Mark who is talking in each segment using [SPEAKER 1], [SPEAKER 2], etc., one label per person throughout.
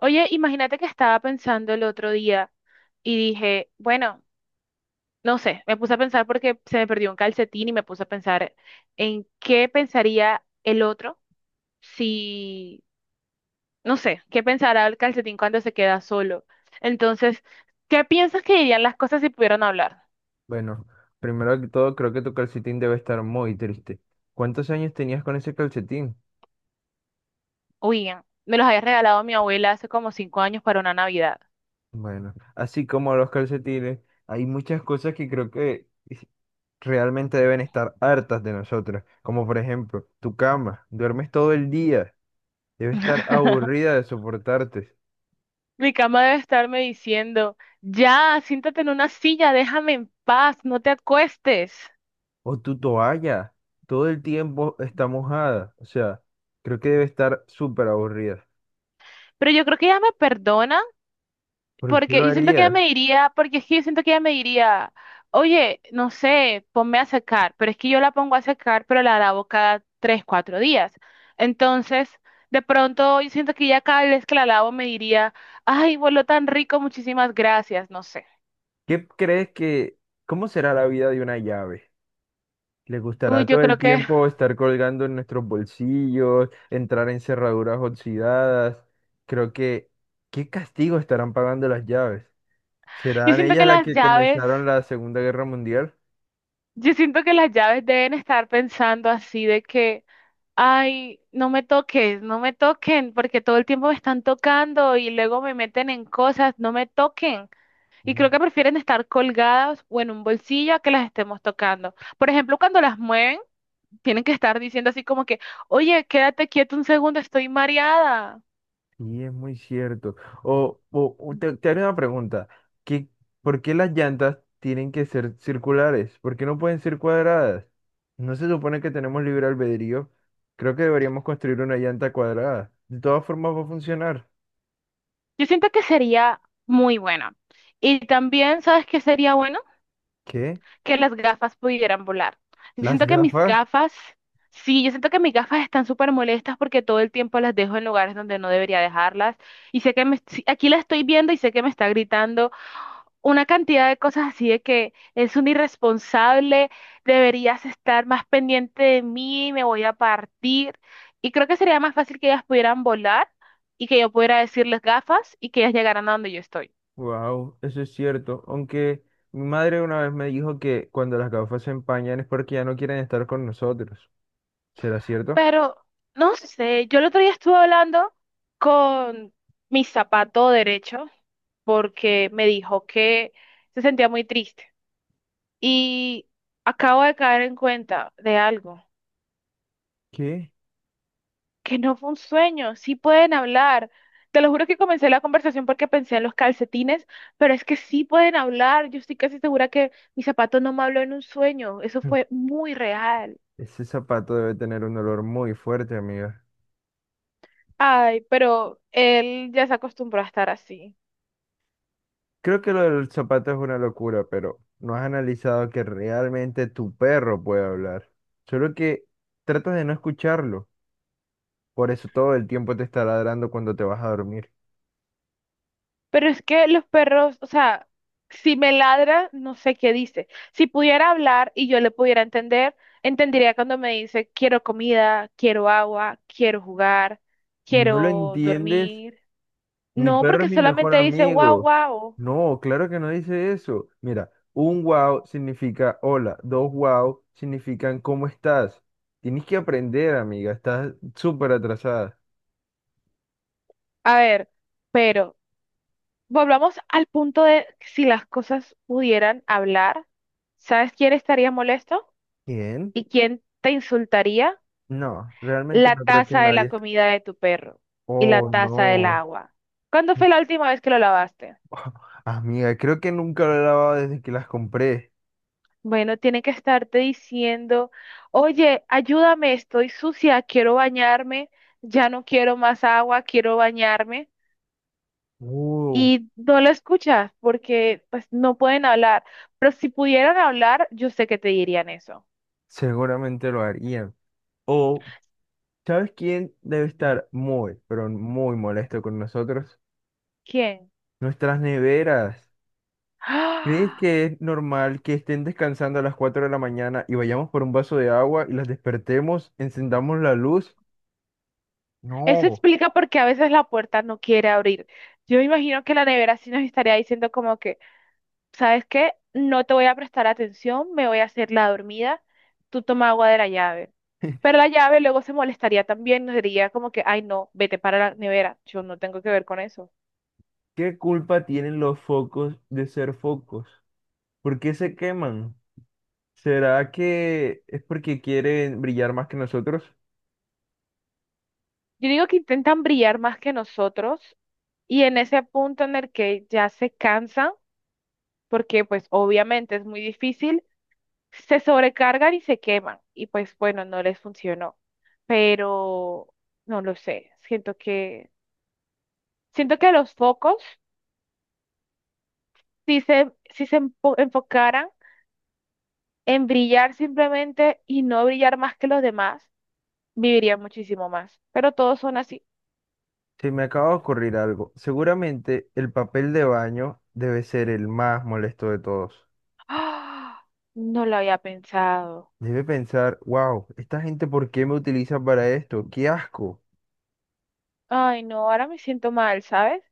[SPEAKER 1] Oye, imagínate que estaba pensando el otro día y dije, bueno, no sé, me puse a pensar porque se me perdió un calcetín y me puse a pensar en qué pensaría el otro si, no sé, qué pensará el calcetín cuando se queda solo. Entonces, ¿qué piensas que dirían las cosas si pudieran hablar?
[SPEAKER 2] Bueno, primero que todo, creo que tu calcetín debe estar muy triste. ¿Cuántos años tenías con ese calcetín?
[SPEAKER 1] Uy, me los había regalado mi abuela hace como 5 años para una Navidad.
[SPEAKER 2] Bueno, así como los calcetines, hay muchas cosas que creo que realmente deben estar hartas de nosotros. Como por ejemplo, tu cama. Duermes todo el día. Debe estar aburrida de soportarte.
[SPEAKER 1] Mi cama debe estarme diciendo, ya, siéntate en una silla, déjame en paz, no te acuestes.
[SPEAKER 2] O tu toalla. Todo el tiempo está mojada. O sea, creo que debe estar súper aburrida.
[SPEAKER 1] Pero yo creo que ella me perdona,
[SPEAKER 2] ¿Por qué lo
[SPEAKER 1] porque yo siento que ella
[SPEAKER 2] harías?
[SPEAKER 1] me diría, porque es que yo siento que ella me diría, oye, no sé, ponme a secar, pero es que yo la pongo a secar, pero la lavo cada tres, cuatro días. Entonces, de pronto yo siento que ya cada vez que la lavo me diría, ay, voló tan rico, muchísimas gracias, no sé.
[SPEAKER 2] ¿Qué crees que... ¿Cómo será la vida de una llave? ¿Le
[SPEAKER 1] Uy,
[SPEAKER 2] gustará
[SPEAKER 1] yo
[SPEAKER 2] todo el
[SPEAKER 1] creo que,
[SPEAKER 2] tiempo estar colgando en nuestros bolsillos, entrar en cerraduras oxidadas? Creo que, ¿qué castigo estarán pagando las llaves?
[SPEAKER 1] yo
[SPEAKER 2] ¿Serán
[SPEAKER 1] siento
[SPEAKER 2] ellas
[SPEAKER 1] que
[SPEAKER 2] las
[SPEAKER 1] las
[SPEAKER 2] que
[SPEAKER 1] llaves,
[SPEAKER 2] comenzaron la Segunda Guerra Mundial?
[SPEAKER 1] deben estar pensando así de que... Ay, no me toques, no me toquen, porque todo el tiempo me están tocando y luego me meten en cosas, no me toquen. Y
[SPEAKER 2] Mm,
[SPEAKER 1] creo que prefieren estar colgadas o en un bolsillo a que las estemos tocando. Por ejemplo, cuando las mueven, tienen que estar diciendo así como que, oye, quédate quieto un segundo, estoy mareada.
[SPEAKER 2] Sí, es muy cierto. Te haré una pregunta. ¿Qué, ¿por qué las llantas tienen que ser circulares? ¿Por qué no pueden ser cuadradas? ¿No se supone que tenemos libre albedrío? Creo que deberíamos construir una llanta cuadrada. De todas formas va a funcionar.
[SPEAKER 1] Yo siento que sería muy bueno. Y también, ¿sabes qué sería bueno?
[SPEAKER 2] ¿Qué?
[SPEAKER 1] Que las gafas pudieran volar. Yo
[SPEAKER 2] Las
[SPEAKER 1] siento que mis
[SPEAKER 2] gafas,
[SPEAKER 1] gafas, sí, yo siento que mis gafas están súper molestas porque todo el tiempo las dejo en lugares donde no debería dejarlas. Y sé que me, sí, aquí la estoy viendo y sé que me está gritando una cantidad de cosas así de que es un irresponsable, deberías estar más pendiente de mí, me voy a partir. Y creo que sería más fácil que ellas pudieran volar y que yo pudiera decirles gafas y que ellas llegaran a donde yo estoy.
[SPEAKER 2] wow, eso es cierto. Aunque mi madre una vez me dijo que cuando las gafas se empañan es porque ya no quieren estar con nosotros. ¿Será cierto?
[SPEAKER 1] Pero no sé, yo el otro día estuve hablando con mi zapato derecho porque me dijo que se sentía muy triste y acabo de caer en cuenta de algo,
[SPEAKER 2] ¿Qué?
[SPEAKER 1] que no fue un sueño, sí pueden hablar. Te lo juro que comencé la conversación porque pensé en los calcetines, pero es que sí pueden hablar. Yo estoy casi segura que mi zapato no me habló en un sueño, eso fue muy real.
[SPEAKER 2] Ese zapato debe tener un olor muy fuerte, amiga.
[SPEAKER 1] Ay, pero él ya se acostumbró a estar así.
[SPEAKER 2] Creo que lo del zapato es una locura, pero no has analizado que realmente tu perro puede hablar. Solo que tratas de no escucharlo. Por eso todo el tiempo te está ladrando cuando te vas a dormir.
[SPEAKER 1] Pero es que los perros, o sea, si me ladra, no sé qué dice. Si pudiera hablar y yo le pudiera entender, entendería cuando me dice, quiero comida, quiero agua, quiero jugar,
[SPEAKER 2] Y no lo
[SPEAKER 1] quiero
[SPEAKER 2] entiendes.
[SPEAKER 1] dormir.
[SPEAKER 2] Mi
[SPEAKER 1] No,
[SPEAKER 2] perro es
[SPEAKER 1] porque
[SPEAKER 2] mi mejor
[SPEAKER 1] solamente dice, guau,
[SPEAKER 2] amigo.
[SPEAKER 1] guau.
[SPEAKER 2] No, claro que no dice eso. Mira, un wow significa hola, dos wow significan cómo estás. Tienes que aprender, amiga, estás súper atrasada.
[SPEAKER 1] A ver, pero volvamos al punto de si las cosas pudieran hablar, ¿sabes quién estaría molesto?
[SPEAKER 2] ¿Quién?
[SPEAKER 1] ¿Y quién te insultaría?
[SPEAKER 2] No, realmente
[SPEAKER 1] La
[SPEAKER 2] no creo que
[SPEAKER 1] taza de la
[SPEAKER 2] nadie.
[SPEAKER 1] comida de tu perro y la
[SPEAKER 2] Oh,
[SPEAKER 1] taza del
[SPEAKER 2] no.
[SPEAKER 1] agua. ¿Cuándo
[SPEAKER 2] Mi-
[SPEAKER 1] fue la última vez que lo lavaste?
[SPEAKER 2] Amiga, creo que nunca lo he lavado desde que las compré.
[SPEAKER 1] Bueno, tiene que estarte diciendo, oye, ayúdame, estoy sucia, quiero bañarme, ya no quiero más agua, quiero bañarme.
[SPEAKER 2] Uh,
[SPEAKER 1] Y no lo escuchas porque pues no pueden hablar. Pero si pudieran hablar, yo sé que te dirían eso.
[SPEAKER 2] seguramente lo harían. O, ¿sabes quién debe estar muy, pero muy molesto con nosotros?
[SPEAKER 1] ¿Quién?
[SPEAKER 2] Nuestras neveras. ¿Crees
[SPEAKER 1] ¡Ah!
[SPEAKER 2] que es normal que estén descansando a las 4 de la mañana y vayamos por un vaso de agua y las despertemos, encendamos la luz?
[SPEAKER 1] Eso
[SPEAKER 2] No.
[SPEAKER 1] explica por qué a veces la puerta no quiere abrir. Yo me imagino que la nevera sí nos estaría diciendo como que... ¿Sabes qué? No te voy a prestar atención, me voy a hacer la dormida, tú toma agua de la llave. Pero la llave luego se molestaría también, nos diría como que, ay no, vete para la nevera, yo no tengo que ver con eso.
[SPEAKER 2] ¿Qué culpa tienen los focos de ser focos? ¿Por qué se queman? ¿Será que es porque quieren brillar más que nosotros?
[SPEAKER 1] Yo digo que intentan brillar más que nosotros y en ese punto en el que ya se cansan, porque pues obviamente es muy difícil, se sobrecargan y se queman y pues bueno, no les funcionó. Pero no lo sé, siento que los focos... si se enfocaran en brillar simplemente y no brillar más que los demás, vivirían muchísimo más. Pero todos son así.
[SPEAKER 2] Se me acaba de ocurrir algo. Seguramente el papel de baño debe ser el más molesto de todos.
[SPEAKER 1] ¡Ah! No lo había pensado.
[SPEAKER 2] Debe pensar, wow, ¿esta gente por qué me utiliza para esto? ¡Qué asco!
[SPEAKER 1] Ay, no, ahora me siento mal, ¿sabes?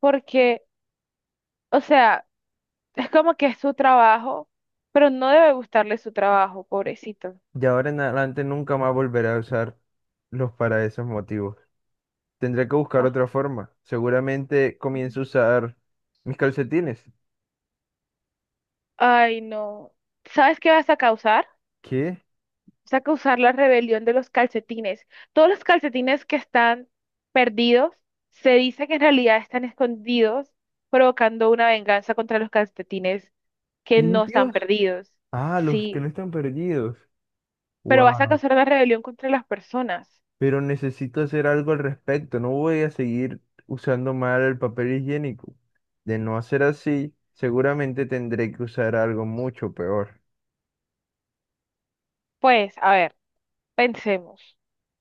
[SPEAKER 1] Porque, o sea, es como que es su trabajo, pero no debe gustarle su trabajo, pobrecito.
[SPEAKER 2] Y ahora en adelante nunca más volveré a usarlos para esos motivos. Tendré que buscar
[SPEAKER 1] Ah.
[SPEAKER 2] otra forma. Seguramente comienzo a usar mis calcetines.
[SPEAKER 1] Ay, no. ¿Sabes qué vas a causar?
[SPEAKER 2] ¿Qué?
[SPEAKER 1] Vas a causar la rebelión de los calcetines. Todos los calcetines que están perdidos se dice que en realidad están escondidos, provocando una venganza contra los calcetines que no están
[SPEAKER 2] ¿Limpios?
[SPEAKER 1] perdidos.
[SPEAKER 2] Ah, los que no
[SPEAKER 1] Sí,
[SPEAKER 2] están perdidos.
[SPEAKER 1] pero vas a
[SPEAKER 2] Wow.
[SPEAKER 1] causar una rebelión contra las personas.
[SPEAKER 2] Pero necesito hacer algo al respecto. No voy a seguir usando mal el papel higiénico. De no hacer así, seguramente tendré que usar algo mucho peor.
[SPEAKER 1] Pues, a ver, pensemos,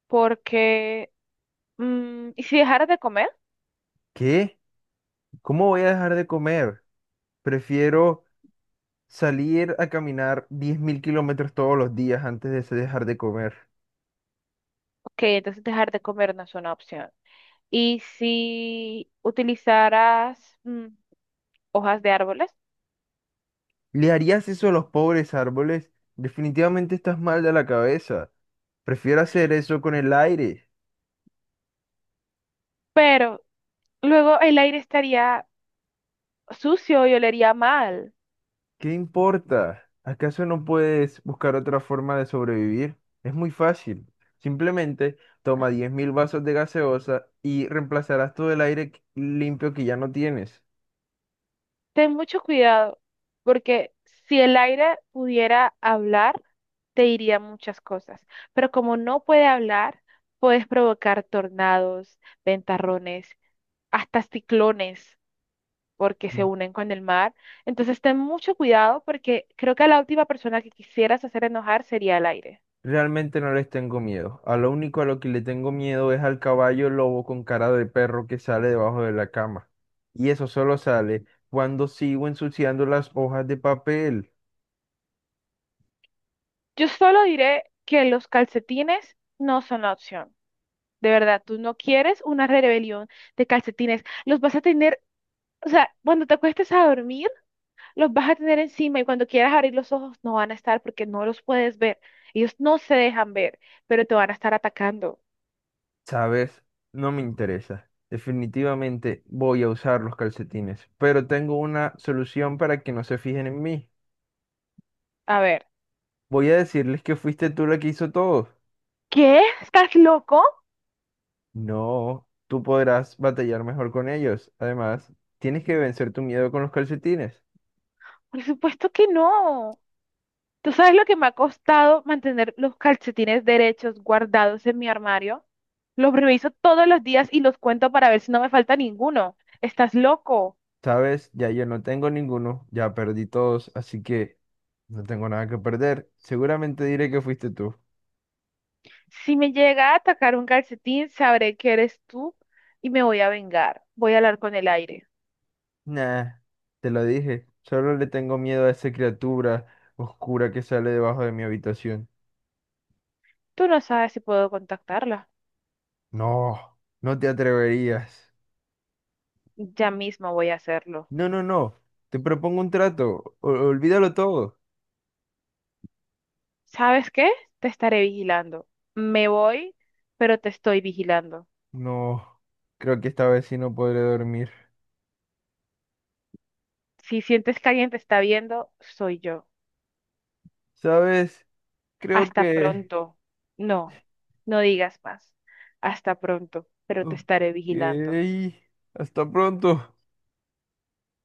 [SPEAKER 1] porque, ¿y si dejaras de comer?
[SPEAKER 2] ¿Qué? ¿Cómo voy a dejar de comer? Prefiero salir a caminar 10.000 kilómetros todos los días antes de dejar de comer.
[SPEAKER 1] Ok, entonces dejar de comer no es una opción. ¿Y si utilizaras, hojas de árboles?
[SPEAKER 2] ¿Le harías eso a los pobres árboles? Definitivamente estás mal de la cabeza. Prefiero hacer eso con el aire.
[SPEAKER 1] Pero luego el aire estaría sucio y olería mal.
[SPEAKER 2] ¿Qué importa? ¿Acaso no puedes buscar otra forma de sobrevivir? Es muy fácil. Simplemente toma 10.000 vasos de gaseosa y reemplazarás todo el limpio que ya no tienes.
[SPEAKER 1] Ten mucho cuidado, porque si el aire pudiera hablar, te diría muchas cosas. Pero como no puede hablar, puedes provocar tornados, ventarrones, hasta ciclones, porque se unen con el mar. Entonces ten mucho cuidado, porque creo que la última persona que quisieras hacer enojar sería el aire.
[SPEAKER 2] Realmente no les tengo miedo. A lo único a lo que le tengo miedo es al caballo lobo con cara de perro que sale debajo de la cama. Y eso solo sale cuando sigo ensuciando las hojas de papel.
[SPEAKER 1] Yo solo diré que los calcetines no son la opción. De verdad, tú no quieres una rebelión de calcetines. Los vas a tener, o sea, cuando te acuestes a dormir, los vas a tener encima y cuando quieras abrir los ojos no van a estar porque no los puedes ver. Ellos no se dejan ver, pero te van a estar atacando.
[SPEAKER 2] ¿Sabes? No me interesa. Definitivamente voy a usar los calcetines. Pero tengo una solución para que no se fijen en mí.
[SPEAKER 1] A ver,
[SPEAKER 2] Voy a decirles que fuiste tú la que hizo todo.
[SPEAKER 1] ¿qué? ¿Estás loco?
[SPEAKER 2] No, tú podrás batallar mejor con ellos. Además, tienes que vencer tu miedo con los calcetines.
[SPEAKER 1] Por supuesto que no. ¿Tú sabes lo que me ha costado mantener los calcetines derechos guardados en mi armario? Los reviso todos los días y los cuento para ver si no me falta ninguno. ¿Estás loco?
[SPEAKER 2] Sabes, ya yo no tengo ninguno, ya perdí todos, así que no tengo nada que perder. Seguramente diré que fuiste tú.
[SPEAKER 1] Si me llega a atacar un calcetín, sabré que eres tú y me voy a vengar. Voy a hablar con el aire.
[SPEAKER 2] Nah, te lo dije, solo le tengo miedo a esa criatura oscura que sale debajo de mi habitación.
[SPEAKER 1] Tú no sabes si puedo contactarla.
[SPEAKER 2] No, no te atreverías.
[SPEAKER 1] Ya mismo voy a hacerlo.
[SPEAKER 2] No, no, no, te propongo un trato, olvídalo todo.
[SPEAKER 1] ¿Sabes qué? Te estaré vigilando. Me voy, pero te estoy vigilando.
[SPEAKER 2] No, creo que esta vez sí no podré dormir.
[SPEAKER 1] Si sientes que alguien te está viendo, soy yo.
[SPEAKER 2] Sabes, creo
[SPEAKER 1] Hasta
[SPEAKER 2] que...
[SPEAKER 1] pronto. No, no digas más. Hasta pronto, pero te
[SPEAKER 2] Ok,
[SPEAKER 1] estaré vigilando.
[SPEAKER 2] hasta pronto.